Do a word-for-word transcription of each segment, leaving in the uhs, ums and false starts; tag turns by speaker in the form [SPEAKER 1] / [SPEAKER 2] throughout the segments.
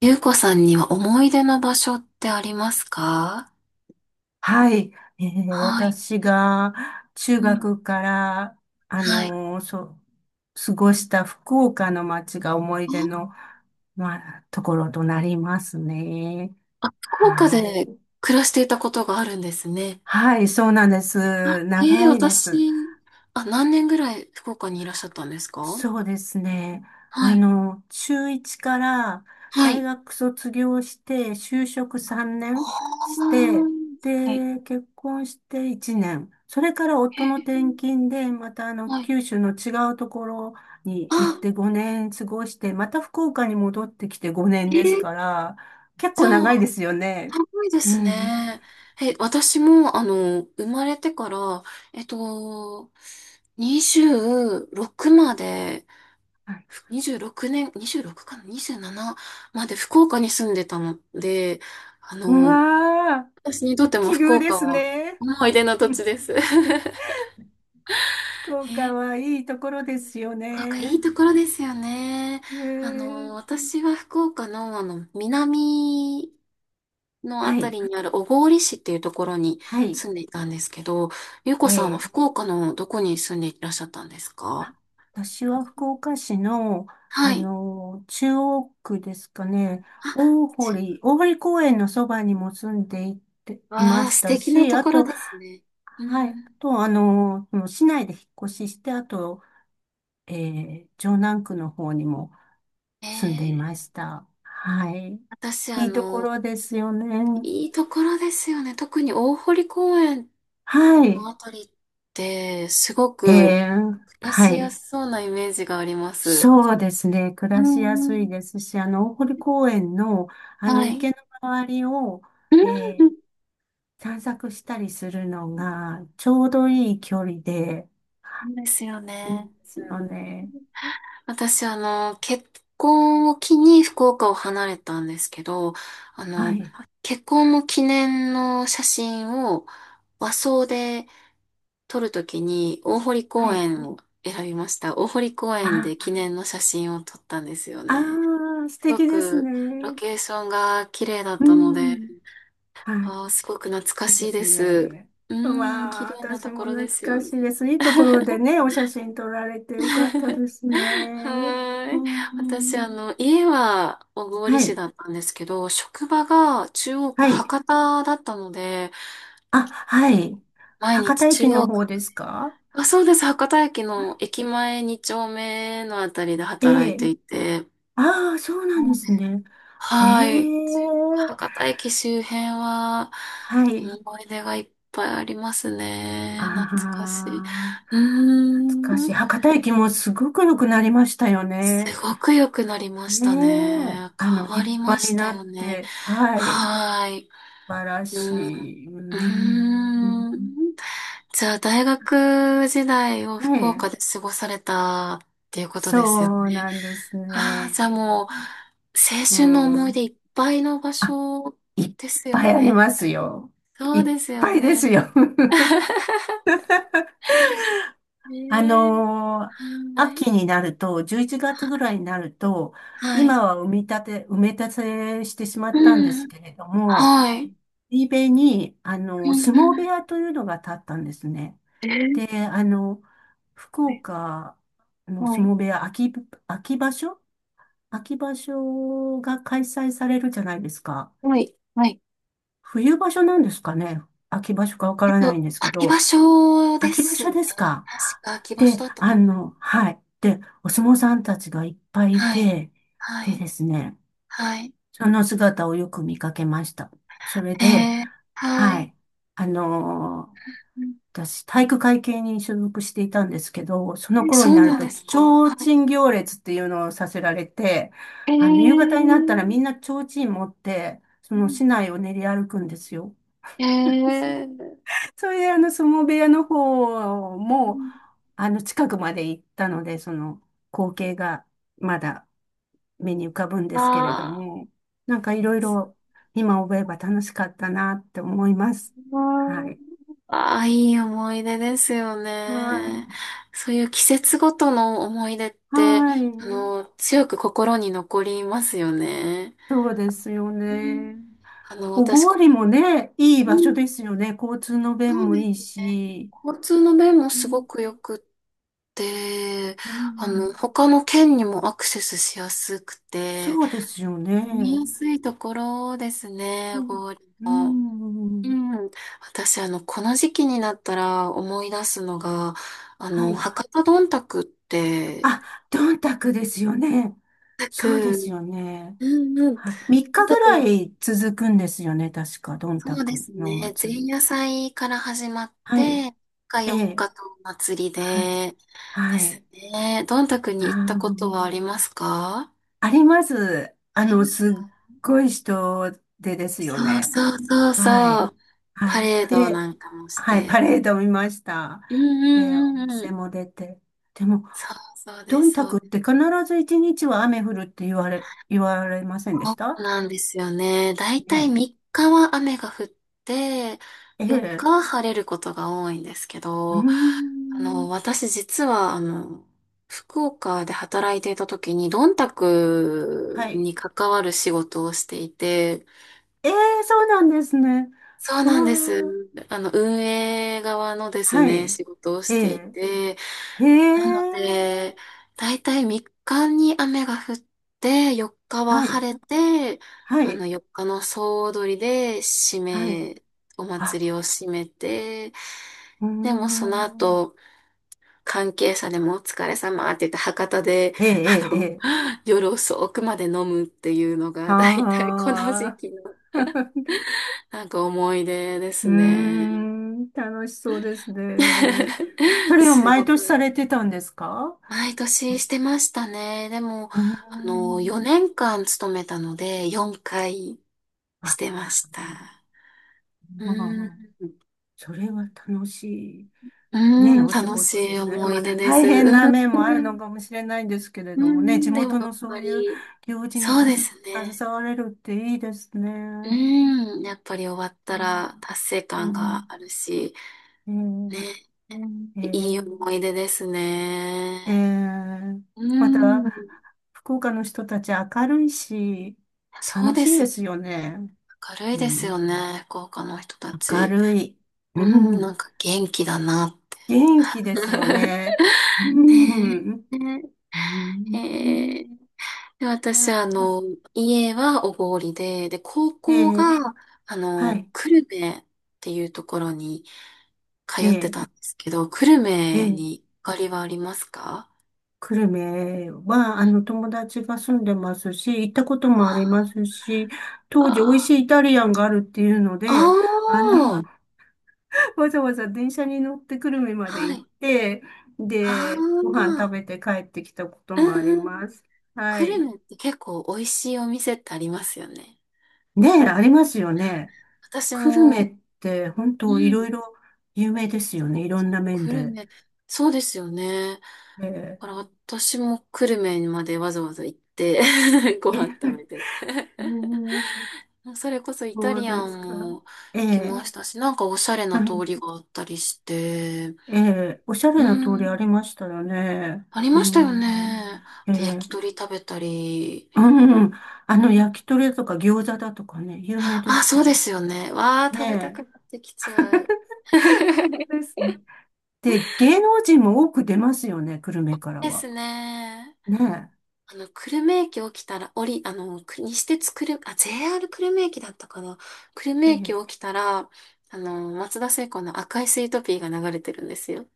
[SPEAKER 1] ゆうこさんには思い出の場所ってありますか？
[SPEAKER 2] はい。えー
[SPEAKER 1] はい。
[SPEAKER 2] 私が
[SPEAKER 1] う
[SPEAKER 2] 中
[SPEAKER 1] ん。
[SPEAKER 2] 学から、あ
[SPEAKER 1] はい。
[SPEAKER 2] のーそう、過ごした福岡の街が思い
[SPEAKER 1] あ、
[SPEAKER 2] 出の、まあ、ところとなりますね。
[SPEAKER 1] あ福岡
[SPEAKER 2] は
[SPEAKER 1] で
[SPEAKER 2] い。
[SPEAKER 1] 暮らしていたことがあるんですね。
[SPEAKER 2] はい、そうなんです。
[SPEAKER 1] ええ、
[SPEAKER 2] 長いです。
[SPEAKER 1] 私、あ、何年ぐらい福岡にいらっしゃったんですか？
[SPEAKER 2] そうですね。
[SPEAKER 1] は
[SPEAKER 2] あ
[SPEAKER 1] い。
[SPEAKER 2] の、中いちから
[SPEAKER 1] は
[SPEAKER 2] 大
[SPEAKER 1] い。
[SPEAKER 2] 学卒業して、就職3
[SPEAKER 1] あ
[SPEAKER 2] 年して、
[SPEAKER 1] あ。はい。
[SPEAKER 2] で、結婚していちねん。それから夫の転
[SPEAKER 1] ええ、
[SPEAKER 2] 勤で、またあの、
[SPEAKER 1] はい。
[SPEAKER 2] 九州の違うところに行っ
[SPEAKER 1] あ、
[SPEAKER 2] てごねん過ごして、また福岡に戻ってきてごねんです
[SPEAKER 1] え
[SPEAKER 2] か
[SPEAKER 1] え、
[SPEAKER 2] ら、結
[SPEAKER 1] じゃ
[SPEAKER 2] 構
[SPEAKER 1] あ、
[SPEAKER 2] 長いですよね。
[SPEAKER 1] 長いで
[SPEAKER 2] う
[SPEAKER 1] す
[SPEAKER 2] ん。
[SPEAKER 1] ね。え、私も、あの、生まれてから、えっと、にじゅうろくまで、
[SPEAKER 2] はい。
[SPEAKER 1] にじゅうろくねん、にじゅうろくかな？ にじゅうなな まで福岡に住んでたので、あ
[SPEAKER 2] う
[SPEAKER 1] の、
[SPEAKER 2] わ
[SPEAKER 1] 私にとっ
[SPEAKER 2] ー、
[SPEAKER 1] ても
[SPEAKER 2] 奇
[SPEAKER 1] 福
[SPEAKER 2] 遇で
[SPEAKER 1] 岡
[SPEAKER 2] す
[SPEAKER 1] は
[SPEAKER 2] ね。
[SPEAKER 1] 思い出の土地 です。
[SPEAKER 2] 福 岡
[SPEAKER 1] ね、
[SPEAKER 2] はいいところですよ
[SPEAKER 1] 福岡いい
[SPEAKER 2] ね。
[SPEAKER 1] ところですよね。
[SPEAKER 2] え
[SPEAKER 1] あの、
[SPEAKER 2] ー、
[SPEAKER 1] 私は福岡の、あの、南のあ
[SPEAKER 2] は
[SPEAKER 1] た
[SPEAKER 2] い、
[SPEAKER 1] りにある小郡市っていうところに
[SPEAKER 2] はい、
[SPEAKER 1] 住んでいたんですけど、ゆうこさんは
[SPEAKER 2] ええ、
[SPEAKER 1] 福岡のどこに住んでいらっしゃったんですか？
[SPEAKER 2] あ、私は福岡市の、
[SPEAKER 1] は
[SPEAKER 2] あ
[SPEAKER 1] い。
[SPEAKER 2] の、中央区ですかね、大
[SPEAKER 1] あ、
[SPEAKER 2] 堀、大堀公園のそばにも住んでいて、いま
[SPEAKER 1] わあ、
[SPEAKER 2] し
[SPEAKER 1] 素
[SPEAKER 2] た
[SPEAKER 1] 敵な
[SPEAKER 2] し、
[SPEAKER 1] と
[SPEAKER 2] あ
[SPEAKER 1] ころ
[SPEAKER 2] と、
[SPEAKER 1] ですね。う
[SPEAKER 2] はい、あ
[SPEAKER 1] ん。
[SPEAKER 2] と、あの、その市内で引っ越しして、あと、ええ城南区の方にも
[SPEAKER 1] え
[SPEAKER 2] 住んでいま
[SPEAKER 1] ー
[SPEAKER 2] した。はい。
[SPEAKER 1] 私、あ
[SPEAKER 2] いいとこ
[SPEAKER 1] の、
[SPEAKER 2] ろですよね。
[SPEAKER 1] いいところですよね。特に大堀公園
[SPEAKER 2] はい。
[SPEAKER 1] のあたりって、すご
[SPEAKER 2] え
[SPEAKER 1] く
[SPEAKER 2] え、
[SPEAKER 1] 暮ら
[SPEAKER 2] は
[SPEAKER 1] しや
[SPEAKER 2] い。
[SPEAKER 1] すそうなイメージがあります。
[SPEAKER 2] そうですね。暮
[SPEAKER 1] う
[SPEAKER 2] らしや
[SPEAKER 1] んう
[SPEAKER 2] すい
[SPEAKER 1] ん。
[SPEAKER 2] ですし、あの、大堀公園の、あの、
[SPEAKER 1] はい。
[SPEAKER 2] 池の周りを、
[SPEAKER 1] うん、
[SPEAKER 2] えー散策したりするのが、ちょうどいい距離で、
[SPEAKER 1] そうですよ
[SPEAKER 2] いいで
[SPEAKER 1] ね。
[SPEAKER 2] すよね。
[SPEAKER 1] 私、あの、結婚を機に福岡を離れたんですけど、あ
[SPEAKER 2] は
[SPEAKER 1] の、
[SPEAKER 2] い。
[SPEAKER 1] 結婚の記念の写真を和装で撮るときに大堀
[SPEAKER 2] は
[SPEAKER 1] 公
[SPEAKER 2] い。
[SPEAKER 1] 園を選びました。大堀公園
[SPEAKER 2] あ、
[SPEAKER 1] で記念の写真を撮ったんですよ
[SPEAKER 2] あ
[SPEAKER 1] ね。
[SPEAKER 2] ー、素
[SPEAKER 1] すご
[SPEAKER 2] 敵です
[SPEAKER 1] くロ
[SPEAKER 2] ね。
[SPEAKER 1] ケーションが綺麗だっ
[SPEAKER 2] う
[SPEAKER 1] たので、
[SPEAKER 2] ん。はい。
[SPEAKER 1] あー、すごく懐か
[SPEAKER 2] いいで
[SPEAKER 1] しい
[SPEAKER 2] す
[SPEAKER 1] です。
[SPEAKER 2] ね。
[SPEAKER 1] う
[SPEAKER 2] う
[SPEAKER 1] ーん、綺
[SPEAKER 2] わあ、
[SPEAKER 1] 麗な
[SPEAKER 2] 私
[SPEAKER 1] とこ
[SPEAKER 2] も
[SPEAKER 1] ろで
[SPEAKER 2] 懐
[SPEAKER 1] すよ
[SPEAKER 2] かしい
[SPEAKER 1] ね。
[SPEAKER 2] です。いいところで ね、お写真撮られてよかったですね。
[SPEAKER 1] は
[SPEAKER 2] う
[SPEAKER 1] ーい。私、あ
[SPEAKER 2] ん。
[SPEAKER 1] の、家は小郡
[SPEAKER 2] は
[SPEAKER 1] 市
[SPEAKER 2] い。
[SPEAKER 1] だったんですけど、職場が中央区
[SPEAKER 2] はい。
[SPEAKER 1] 博多だったので、
[SPEAKER 2] あ、はい。
[SPEAKER 1] 毎
[SPEAKER 2] 博
[SPEAKER 1] 日
[SPEAKER 2] 多
[SPEAKER 1] 中
[SPEAKER 2] 駅の
[SPEAKER 1] 央
[SPEAKER 2] 方
[SPEAKER 1] 区。
[SPEAKER 2] ですか？
[SPEAKER 1] あ、そうです。博多駅の 駅前にちょうめ丁目のあたりで
[SPEAKER 2] え
[SPEAKER 1] 働い
[SPEAKER 2] え。
[SPEAKER 1] ていて。
[SPEAKER 2] ああ、そうな
[SPEAKER 1] な
[SPEAKER 2] んで
[SPEAKER 1] ので、
[SPEAKER 2] すね。へ
[SPEAKER 1] はい。
[SPEAKER 2] え。
[SPEAKER 1] 博多駅周辺は
[SPEAKER 2] はい。
[SPEAKER 1] 思い出がいっぱいあります
[SPEAKER 2] あ
[SPEAKER 1] ね。懐かしい。
[SPEAKER 2] あ、
[SPEAKER 1] うー
[SPEAKER 2] 懐かしい。
[SPEAKER 1] ん。
[SPEAKER 2] 博多駅もすごく良くなりましたよ
[SPEAKER 1] す
[SPEAKER 2] ね。
[SPEAKER 1] ごく良くなりました
[SPEAKER 2] ねえ。
[SPEAKER 1] ね。
[SPEAKER 2] あの、
[SPEAKER 1] 変わ
[SPEAKER 2] 立
[SPEAKER 1] りま
[SPEAKER 2] 派
[SPEAKER 1] し
[SPEAKER 2] にな
[SPEAKER 1] たよ
[SPEAKER 2] っ
[SPEAKER 1] ね。
[SPEAKER 2] て。はい。
[SPEAKER 1] はい。
[SPEAKER 2] 素晴ら
[SPEAKER 1] うん。
[SPEAKER 2] しい。う
[SPEAKER 1] うー
[SPEAKER 2] ん。
[SPEAKER 1] ん。じゃあ、大学時代を
[SPEAKER 2] は
[SPEAKER 1] 福岡
[SPEAKER 2] い。
[SPEAKER 1] で過ごされたっていうことですよ
[SPEAKER 2] そう
[SPEAKER 1] ね。
[SPEAKER 2] なんです
[SPEAKER 1] ああ、
[SPEAKER 2] ね。
[SPEAKER 1] じゃあもう、青
[SPEAKER 2] う
[SPEAKER 1] 春の思い
[SPEAKER 2] ん。
[SPEAKER 1] 出いっぱいの場所
[SPEAKER 2] いっ
[SPEAKER 1] ですよ
[SPEAKER 2] ぱいあり
[SPEAKER 1] ね。
[SPEAKER 2] ますよ。
[SPEAKER 1] そ
[SPEAKER 2] い
[SPEAKER 1] う
[SPEAKER 2] っ
[SPEAKER 1] ですよ
[SPEAKER 2] ぱいで
[SPEAKER 1] ね。
[SPEAKER 2] すよ。あ
[SPEAKER 1] ねえ。
[SPEAKER 2] のー
[SPEAKER 1] はい。
[SPEAKER 2] 秋になると、じゅういちがつぐらいになると、
[SPEAKER 1] はい。
[SPEAKER 2] 今は埋め立て、埋め立てしてしま
[SPEAKER 1] う
[SPEAKER 2] ったんです
[SPEAKER 1] ん。
[SPEAKER 2] けれども、
[SPEAKER 1] はい。
[SPEAKER 2] 海辺に、あ
[SPEAKER 1] う
[SPEAKER 2] のー
[SPEAKER 1] ん
[SPEAKER 2] 相
[SPEAKER 1] う
[SPEAKER 2] 撲部
[SPEAKER 1] ん。
[SPEAKER 2] 屋というのが建ったんですね。
[SPEAKER 1] え
[SPEAKER 2] で、あの、福
[SPEAKER 1] は
[SPEAKER 2] 岡の相
[SPEAKER 1] い。
[SPEAKER 2] 撲部屋、秋、秋場所秋場所が開催されるじゃないですか。
[SPEAKER 1] はい。はい。
[SPEAKER 2] 冬場所なんですかね。秋場所かわか
[SPEAKER 1] えっ
[SPEAKER 2] らない
[SPEAKER 1] と、
[SPEAKER 2] んですけ
[SPEAKER 1] 秋場
[SPEAKER 2] ど、
[SPEAKER 1] 所で
[SPEAKER 2] 秋場
[SPEAKER 1] す
[SPEAKER 2] 所
[SPEAKER 1] ね。
[SPEAKER 2] ですか。
[SPEAKER 1] 確か秋場
[SPEAKER 2] で、
[SPEAKER 1] 所だった
[SPEAKER 2] あ
[SPEAKER 1] と思う。
[SPEAKER 2] の、はい。で、お相撲さんたちがいっぱいい
[SPEAKER 1] はい。
[SPEAKER 2] て、
[SPEAKER 1] は
[SPEAKER 2] で
[SPEAKER 1] い。
[SPEAKER 2] ですね、
[SPEAKER 1] はい。
[SPEAKER 2] その姿をよく見かけました。それで、
[SPEAKER 1] えー、は
[SPEAKER 2] は
[SPEAKER 1] い。
[SPEAKER 2] い。あのー
[SPEAKER 1] うん。
[SPEAKER 2] 私、体育会系に所属していたんですけど、その
[SPEAKER 1] え
[SPEAKER 2] 頃に
[SPEAKER 1] そう
[SPEAKER 2] な
[SPEAKER 1] な
[SPEAKER 2] る
[SPEAKER 1] ん
[SPEAKER 2] と、
[SPEAKER 1] で
[SPEAKER 2] 提
[SPEAKER 1] すか？はい。
[SPEAKER 2] 灯行列っていうのをさせられて、
[SPEAKER 1] えー。
[SPEAKER 2] あの、夕方になったらみんな提灯持って、そ
[SPEAKER 1] う
[SPEAKER 2] の
[SPEAKER 1] ん。
[SPEAKER 2] 市内を練り歩くんですよ。
[SPEAKER 1] ええー。
[SPEAKER 2] それで、あの、相撲部屋の方も、あの、近くまで行ったので、その、光景がまだ目に浮かぶんですけれど
[SPEAKER 1] あ
[SPEAKER 2] も、なんかいろいろ今思えば楽しかったなって思います。
[SPEAKER 1] ー。
[SPEAKER 2] はい。
[SPEAKER 1] あー、あ、いい思い出ですよ
[SPEAKER 2] はい。
[SPEAKER 1] ね。そういう季節ごとの思い出って、
[SPEAKER 2] はい。
[SPEAKER 1] あの、強く心に残りますよね。
[SPEAKER 2] そうですよ
[SPEAKER 1] うん。
[SPEAKER 2] ね。
[SPEAKER 1] あの、
[SPEAKER 2] 小
[SPEAKER 1] 私、こ、
[SPEAKER 2] 郡もね、いい
[SPEAKER 1] う
[SPEAKER 2] 場所で
[SPEAKER 1] ん、
[SPEAKER 2] すよね。交通の便
[SPEAKER 1] そう
[SPEAKER 2] も
[SPEAKER 1] で
[SPEAKER 2] い
[SPEAKER 1] す
[SPEAKER 2] い
[SPEAKER 1] ね。
[SPEAKER 2] し。
[SPEAKER 1] 交通の便も
[SPEAKER 2] う
[SPEAKER 1] すご
[SPEAKER 2] ん。
[SPEAKER 1] く良くって、
[SPEAKER 2] う
[SPEAKER 1] あの、
[SPEAKER 2] ん。
[SPEAKER 1] 他の県にもアクセスしやすくて、
[SPEAKER 2] そうですよ
[SPEAKER 1] 見
[SPEAKER 2] ね。
[SPEAKER 1] やすいところですね、
[SPEAKER 2] はい。
[SPEAKER 1] ゴール
[SPEAKER 2] う
[SPEAKER 1] も。う
[SPEAKER 2] ん。
[SPEAKER 1] ん、私、あの、この時期になったら思い出すのが、あ
[SPEAKER 2] は
[SPEAKER 1] の、
[SPEAKER 2] い。
[SPEAKER 1] 博多どんたくって、
[SPEAKER 2] あ、どんたくですよね。
[SPEAKER 1] どんた
[SPEAKER 2] そうです
[SPEAKER 1] く、
[SPEAKER 2] よね。
[SPEAKER 1] うんうん、ど
[SPEAKER 2] はい。3
[SPEAKER 1] ん
[SPEAKER 2] 日
[SPEAKER 1] た
[SPEAKER 2] ぐら
[SPEAKER 1] く、
[SPEAKER 2] い続くんですよね。確か、どん
[SPEAKER 1] そ
[SPEAKER 2] た
[SPEAKER 1] うで
[SPEAKER 2] く
[SPEAKER 1] す
[SPEAKER 2] のお
[SPEAKER 1] ね、
[SPEAKER 2] 祭
[SPEAKER 1] 前
[SPEAKER 2] り。
[SPEAKER 1] 夜祭から始まっ
[SPEAKER 2] は
[SPEAKER 1] て、
[SPEAKER 2] い。
[SPEAKER 1] みっか
[SPEAKER 2] え
[SPEAKER 1] 4
[SPEAKER 2] え。
[SPEAKER 1] 日とお祭り
[SPEAKER 2] はい。
[SPEAKER 1] で、で
[SPEAKER 2] は
[SPEAKER 1] す
[SPEAKER 2] い。
[SPEAKER 1] ね、どんたく
[SPEAKER 2] あ
[SPEAKER 1] に行ったこと
[SPEAKER 2] ー、
[SPEAKER 1] はありますか？
[SPEAKER 2] あります。あ
[SPEAKER 1] あり
[SPEAKER 2] の、
[SPEAKER 1] ますか？
[SPEAKER 2] すっごい人でですよ
[SPEAKER 1] そう
[SPEAKER 2] ね。
[SPEAKER 1] そうそう
[SPEAKER 2] は
[SPEAKER 1] そ
[SPEAKER 2] い。
[SPEAKER 1] う、
[SPEAKER 2] は
[SPEAKER 1] パ
[SPEAKER 2] い。
[SPEAKER 1] レード
[SPEAKER 2] で、
[SPEAKER 1] なんかもし
[SPEAKER 2] はい。パ
[SPEAKER 1] て。
[SPEAKER 2] レード見ました。
[SPEAKER 1] うん
[SPEAKER 2] で、お
[SPEAKER 1] うんうんう
[SPEAKER 2] 店
[SPEAKER 1] ん、
[SPEAKER 2] も出て。でも、
[SPEAKER 1] そうそう
[SPEAKER 2] ど
[SPEAKER 1] で
[SPEAKER 2] ん
[SPEAKER 1] す、
[SPEAKER 2] た
[SPEAKER 1] そ
[SPEAKER 2] く
[SPEAKER 1] う
[SPEAKER 2] って必ず一日は雨降るって言われ、言われませんで
[SPEAKER 1] そ
[SPEAKER 2] した
[SPEAKER 1] うなんですよね。だいたい
[SPEAKER 2] ね？
[SPEAKER 1] みっかは雨が降って、
[SPEAKER 2] え
[SPEAKER 1] よっか
[SPEAKER 2] え、
[SPEAKER 1] は晴れることが多いんですけ
[SPEAKER 2] うー
[SPEAKER 1] ど、あの、
[SPEAKER 2] ん、
[SPEAKER 1] 私実は、あの、福岡で働いていた時に、どんたく
[SPEAKER 2] はい。
[SPEAKER 1] に関わる仕事をしていて、
[SPEAKER 2] ええ、そうなんですね。
[SPEAKER 1] そう
[SPEAKER 2] わ
[SPEAKER 1] なんで
[SPEAKER 2] あ、
[SPEAKER 1] す。あの、運営側のです
[SPEAKER 2] は
[SPEAKER 1] ね、
[SPEAKER 2] い。
[SPEAKER 1] 仕事をし
[SPEAKER 2] え
[SPEAKER 1] てい
[SPEAKER 2] え、
[SPEAKER 1] て、
[SPEAKER 2] へ
[SPEAKER 1] なの
[SPEAKER 2] え、
[SPEAKER 1] で、だいたいみっかに雨が降って、よっかは
[SPEAKER 2] はい、
[SPEAKER 1] 晴れて、
[SPEAKER 2] は
[SPEAKER 1] あの、
[SPEAKER 2] い、
[SPEAKER 1] よっかの総踊りで締
[SPEAKER 2] はい。
[SPEAKER 1] め、お
[SPEAKER 2] あ、
[SPEAKER 1] 祭りを締めて、
[SPEAKER 2] うー
[SPEAKER 1] でもその
[SPEAKER 2] ん、
[SPEAKER 1] 後、関係者でもお疲れ様って言って博多で、
[SPEAKER 2] ええ、え
[SPEAKER 1] あ
[SPEAKER 2] え、え
[SPEAKER 1] の、
[SPEAKER 2] え、
[SPEAKER 1] 夜遅くまで飲むっていうのが、だいたいこの時
[SPEAKER 2] あ
[SPEAKER 1] 期の
[SPEAKER 2] あ、
[SPEAKER 1] なんか思い出で
[SPEAKER 2] う
[SPEAKER 1] す
[SPEAKER 2] ー
[SPEAKER 1] ね。
[SPEAKER 2] ん、楽しそうですね。そ れを
[SPEAKER 1] す
[SPEAKER 2] 毎
[SPEAKER 1] ご
[SPEAKER 2] 年
[SPEAKER 1] く。
[SPEAKER 2] されてたんですか？
[SPEAKER 1] 毎
[SPEAKER 2] そ
[SPEAKER 1] 年
[SPEAKER 2] う、
[SPEAKER 1] してましたね。でも、
[SPEAKER 2] うー
[SPEAKER 1] あの、
[SPEAKER 2] ん、
[SPEAKER 1] よねんかん勤めたので、よんかいし
[SPEAKER 2] あ、
[SPEAKER 1] てました。
[SPEAKER 2] ま
[SPEAKER 1] う
[SPEAKER 2] あ、
[SPEAKER 1] ん。
[SPEAKER 2] それは楽しい。ね、
[SPEAKER 1] うん、
[SPEAKER 2] お仕
[SPEAKER 1] 楽し
[SPEAKER 2] 事で
[SPEAKER 1] い
[SPEAKER 2] すね。
[SPEAKER 1] 思
[SPEAKER 2] ま
[SPEAKER 1] い出
[SPEAKER 2] あ、
[SPEAKER 1] です。
[SPEAKER 2] 大変な面もある
[SPEAKER 1] う
[SPEAKER 2] の
[SPEAKER 1] ん。
[SPEAKER 2] かもしれないんですけれ
[SPEAKER 1] う
[SPEAKER 2] どもね、地
[SPEAKER 1] ん、でも
[SPEAKER 2] 元
[SPEAKER 1] やっ
[SPEAKER 2] のそう
[SPEAKER 1] ぱ
[SPEAKER 2] いう
[SPEAKER 1] り、
[SPEAKER 2] 行事に
[SPEAKER 1] そう
[SPEAKER 2] た
[SPEAKER 1] で
[SPEAKER 2] す
[SPEAKER 1] すね。
[SPEAKER 2] 携われるっていいですね。
[SPEAKER 1] うん、やっぱり終わったら達成
[SPEAKER 2] う
[SPEAKER 1] 感が
[SPEAKER 2] ん、
[SPEAKER 1] あるし、
[SPEAKER 2] う
[SPEAKER 1] ね、
[SPEAKER 2] ん、
[SPEAKER 1] うん、
[SPEAKER 2] え
[SPEAKER 1] いい
[SPEAKER 2] ー
[SPEAKER 1] 思い出ですね。
[SPEAKER 2] えーえー
[SPEAKER 1] う
[SPEAKER 2] また、
[SPEAKER 1] ん。
[SPEAKER 2] 福岡の人たち明るいし、
[SPEAKER 1] そう
[SPEAKER 2] 楽
[SPEAKER 1] で
[SPEAKER 2] しい
[SPEAKER 1] す
[SPEAKER 2] で
[SPEAKER 1] よね。
[SPEAKER 2] すよね。
[SPEAKER 1] 明るい
[SPEAKER 2] う
[SPEAKER 1] ですよ
[SPEAKER 2] ん、
[SPEAKER 1] ね、福岡の人た
[SPEAKER 2] 明
[SPEAKER 1] ち。
[SPEAKER 2] るい。う
[SPEAKER 1] うん、な
[SPEAKER 2] ん、
[SPEAKER 1] んか元気だな。
[SPEAKER 2] 元気ですよ ね。うん、
[SPEAKER 1] ね
[SPEAKER 2] うん、
[SPEAKER 1] え。ね。
[SPEAKER 2] う
[SPEAKER 1] え
[SPEAKER 2] ん。
[SPEAKER 1] えーで、私、あの、家は小郡で、で、高
[SPEAKER 2] え
[SPEAKER 1] 校
[SPEAKER 2] ー
[SPEAKER 1] が、あ
[SPEAKER 2] は
[SPEAKER 1] の、
[SPEAKER 2] い。
[SPEAKER 1] 久留米っていうところに通って
[SPEAKER 2] ええ、
[SPEAKER 1] たんですけど、久留
[SPEAKER 2] え
[SPEAKER 1] 米
[SPEAKER 2] え、
[SPEAKER 1] にゆかりはありますか？
[SPEAKER 2] 久留米は、あの、友達が住んでますし、行ったこともありますし、当時美味し
[SPEAKER 1] あ
[SPEAKER 2] いイタリアンがあるっていうの
[SPEAKER 1] あ
[SPEAKER 2] で、あの、
[SPEAKER 1] ー、
[SPEAKER 2] わざわざ電車に乗って久留米まで
[SPEAKER 1] は
[SPEAKER 2] 行っ
[SPEAKER 1] い。
[SPEAKER 2] て、
[SPEAKER 1] あ
[SPEAKER 2] で、ご飯食
[SPEAKER 1] あ、
[SPEAKER 2] べて帰ってきたこと
[SPEAKER 1] う
[SPEAKER 2] もあ
[SPEAKER 1] ん
[SPEAKER 2] り
[SPEAKER 1] うん。
[SPEAKER 2] ます。は
[SPEAKER 1] 久留
[SPEAKER 2] い。
[SPEAKER 1] 米って結構美味しいお店ってありますよね。
[SPEAKER 2] ねえ、ありますよね。
[SPEAKER 1] 私
[SPEAKER 2] 久留
[SPEAKER 1] も、
[SPEAKER 2] 米って本
[SPEAKER 1] う
[SPEAKER 2] 当い
[SPEAKER 1] ん、
[SPEAKER 2] ろいろ有名ですよね。いろん
[SPEAKER 1] そ
[SPEAKER 2] な
[SPEAKER 1] う、
[SPEAKER 2] 面
[SPEAKER 1] 久留
[SPEAKER 2] で。
[SPEAKER 1] 米、そうですよね。だ
[SPEAKER 2] え
[SPEAKER 1] から私も久留米までわざわざ行って ご
[SPEAKER 2] え、え
[SPEAKER 1] 飯食べて。
[SPEAKER 2] え、
[SPEAKER 1] それこそイタ
[SPEAKER 2] そう
[SPEAKER 1] リア
[SPEAKER 2] ですか。
[SPEAKER 1] ンも
[SPEAKER 2] え
[SPEAKER 1] 来ま
[SPEAKER 2] え。
[SPEAKER 1] したし、なんかおしゃれな通りがあったりして、
[SPEAKER 2] ええ、おしゃ
[SPEAKER 1] う
[SPEAKER 2] れな通りあ
[SPEAKER 1] ん、
[SPEAKER 2] りましたよね。
[SPEAKER 1] あり
[SPEAKER 2] う
[SPEAKER 1] ましたよ
[SPEAKER 2] ん。
[SPEAKER 1] ね。あ
[SPEAKER 2] え
[SPEAKER 1] と焼
[SPEAKER 2] え、
[SPEAKER 1] き鳥食べたり。
[SPEAKER 2] うん。あ
[SPEAKER 1] う
[SPEAKER 2] の、
[SPEAKER 1] ん、
[SPEAKER 2] 焼き鳥とか餃子だとかね、有名で
[SPEAKER 1] あ、
[SPEAKER 2] す
[SPEAKER 1] そ
[SPEAKER 2] よ
[SPEAKER 1] うですよね。わあ、
[SPEAKER 2] ね。
[SPEAKER 1] 食べたく
[SPEAKER 2] ね
[SPEAKER 1] なってきちゃう。
[SPEAKER 2] えですね。ねで、芸能人も多く出ますよね、久留米から
[SPEAKER 1] で
[SPEAKER 2] は。
[SPEAKER 1] すね。
[SPEAKER 2] ね
[SPEAKER 1] あの、久留米駅起きたら、降り、あの、く西鉄久留、あ、ジェイアール 久留米駅だったかな。久留米
[SPEAKER 2] え。え
[SPEAKER 1] 駅
[SPEAKER 2] え、
[SPEAKER 1] 起きたら、あの、松田聖子の赤いスイートピーが流れてるんですよ。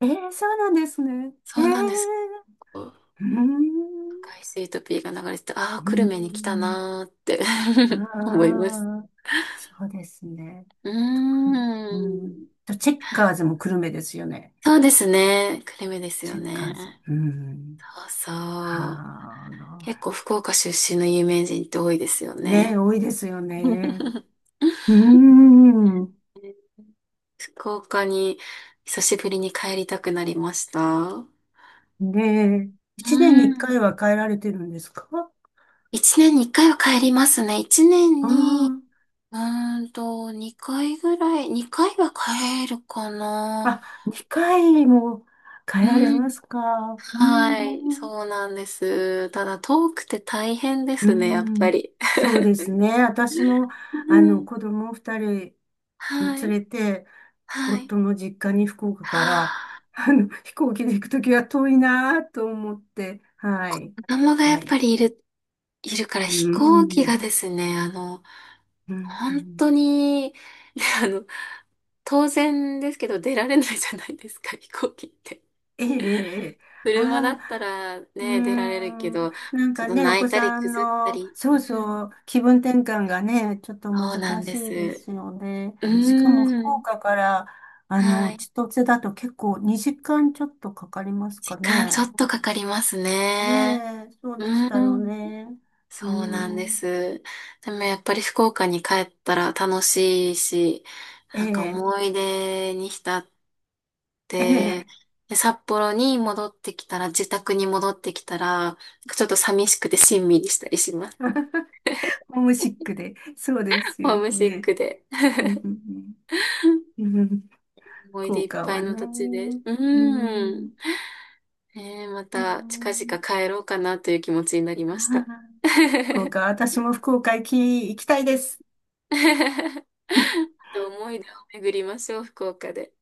[SPEAKER 2] ええ、そうなんですね。え
[SPEAKER 1] そ
[SPEAKER 2] え、
[SPEAKER 1] うなんです。赤
[SPEAKER 2] うん。
[SPEAKER 1] いスイートピーが流れてて、ああ、
[SPEAKER 2] う
[SPEAKER 1] 久留米に来た
[SPEAKER 2] ん。
[SPEAKER 1] なーって 思
[SPEAKER 2] あ
[SPEAKER 1] います。
[SPEAKER 2] あ、そうですね。
[SPEAKER 1] うー
[SPEAKER 2] あと、久留米、うん。
[SPEAKER 1] ん。
[SPEAKER 2] と、チェッカーズも久留米ですよね。
[SPEAKER 1] そうですね。久留米ですよ
[SPEAKER 2] チェッカ
[SPEAKER 1] ね。
[SPEAKER 2] ーズ。うん。
[SPEAKER 1] そうそう。
[SPEAKER 2] は
[SPEAKER 1] 結構
[SPEAKER 2] あ、
[SPEAKER 1] 福岡出身の有名人って多いですよね。
[SPEAKER 2] ね、多いですよね。うーん。
[SPEAKER 1] 福岡に久しぶりに帰りたくなりました。
[SPEAKER 2] ねえ、一年
[SPEAKER 1] う
[SPEAKER 2] に一回
[SPEAKER 1] ん。
[SPEAKER 2] は変えられてるんですか？
[SPEAKER 1] 一年にいっかいは帰りますね。一年
[SPEAKER 2] あ
[SPEAKER 1] に、うーんと、二回ぐらい、二回は帰るか
[SPEAKER 2] あ、
[SPEAKER 1] な。
[SPEAKER 2] あ、二回も変
[SPEAKER 1] う
[SPEAKER 2] えられま
[SPEAKER 1] ん。
[SPEAKER 2] すか？うー
[SPEAKER 1] はい。
[SPEAKER 2] ん。
[SPEAKER 1] そうなんです。ただ、遠くて大変で
[SPEAKER 2] うー
[SPEAKER 1] すね、やっぱ
[SPEAKER 2] ん。
[SPEAKER 1] り。
[SPEAKER 2] そうですね。私も、
[SPEAKER 1] う
[SPEAKER 2] あの、
[SPEAKER 1] ん。
[SPEAKER 2] 子供二人連
[SPEAKER 1] はい。
[SPEAKER 2] れて、
[SPEAKER 1] はい。
[SPEAKER 2] 夫の実家に福岡
[SPEAKER 1] は
[SPEAKER 2] から、
[SPEAKER 1] あ、
[SPEAKER 2] あの、飛行機で行くときは遠いなぁと思って、はい。
[SPEAKER 1] 子供がやっ
[SPEAKER 2] は
[SPEAKER 1] ぱ
[SPEAKER 2] い。
[SPEAKER 1] りいる、いるから
[SPEAKER 2] うー
[SPEAKER 1] 飛行機
[SPEAKER 2] ん。
[SPEAKER 1] がですね、あの、
[SPEAKER 2] うん、う
[SPEAKER 1] 本当
[SPEAKER 2] ん、
[SPEAKER 1] に、あの当然ですけど出られないじゃないですか、飛行機って。
[SPEAKER 2] ええ、ええ、あ
[SPEAKER 1] 車だ
[SPEAKER 2] あ、
[SPEAKER 1] ったら
[SPEAKER 2] うー
[SPEAKER 1] ね、出られるけ
[SPEAKER 2] ん、
[SPEAKER 1] ど、
[SPEAKER 2] なん
[SPEAKER 1] ちょっ
[SPEAKER 2] か
[SPEAKER 1] と
[SPEAKER 2] ね、お
[SPEAKER 1] 泣
[SPEAKER 2] 子
[SPEAKER 1] いたり
[SPEAKER 2] さ
[SPEAKER 1] ぐ
[SPEAKER 2] ん
[SPEAKER 1] ずった
[SPEAKER 2] の、
[SPEAKER 1] り。
[SPEAKER 2] そ
[SPEAKER 1] う
[SPEAKER 2] う
[SPEAKER 1] ん、
[SPEAKER 2] そう、気分転換がね、ちょっと
[SPEAKER 1] そう
[SPEAKER 2] 難
[SPEAKER 1] なん
[SPEAKER 2] し
[SPEAKER 1] で
[SPEAKER 2] いで
[SPEAKER 1] す。
[SPEAKER 2] すよね。
[SPEAKER 1] うー
[SPEAKER 2] しかも福
[SPEAKER 1] ん。
[SPEAKER 2] 岡から、あ
[SPEAKER 1] は
[SPEAKER 2] の、
[SPEAKER 1] い。
[SPEAKER 2] 千歳だと結構にじかんちょっとかかりますか
[SPEAKER 1] 時間ちょっ
[SPEAKER 2] ね。
[SPEAKER 1] とかかりますね。
[SPEAKER 2] ねえ、そうでし
[SPEAKER 1] うー
[SPEAKER 2] たよ
[SPEAKER 1] ん。
[SPEAKER 2] ね。うー
[SPEAKER 1] そうなんで
[SPEAKER 2] ん、
[SPEAKER 1] す。でもやっぱり福岡に帰ったら楽しいし、
[SPEAKER 2] え
[SPEAKER 1] なんか
[SPEAKER 2] え、
[SPEAKER 1] 思い出に浸っ
[SPEAKER 2] え
[SPEAKER 1] で、
[SPEAKER 2] え、
[SPEAKER 1] で札幌に戻ってきたら、自宅に戻ってきたら、なんかちょっと寂しくてしんみりしたりします。
[SPEAKER 2] ホームシック で、そうです
[SPEAKER 1] ホ
[SPEAKER 2] よ
[SPEAKER 1] ームシッ
[SPEAKER 2] ね。
[SPEAKER 1] クで。
[SPEAKER 2] うん、うん、うん、うん、
[SPEAKER 1] 思い
[SPEAKER 2] 福
[SPEAKER 1] 出いっ
[SPEAKER 2] 岡
[SPEAKER 1] ぱい
[SPEAKER 2] は
[SPEAKER 1] の土地で。
[SPEAKER 2] ね。
[SPEAKER 1] う
[SPEAKER 2] う
[SPEAKER 1] ー
[SPEAKER 2] ん、
[SPEAKER 1] ん。ねえ、ま
[SPEAKER 2] う
[SPEAKER 1] た近
[SPEAKER 2] ん
[SPEAKER 1] 々帰ろうかなという気持ちになり
[SPEAKER 2] あ
[SPEAKER 1] ました。
[SPEAKER 2] ー、
[SPEAKER 1] ま
[SPEAKER 2] 福岡、私も福岡行き、行きたいです。
[SPEAKER 1] た思い出を巡りましょう、福岡で。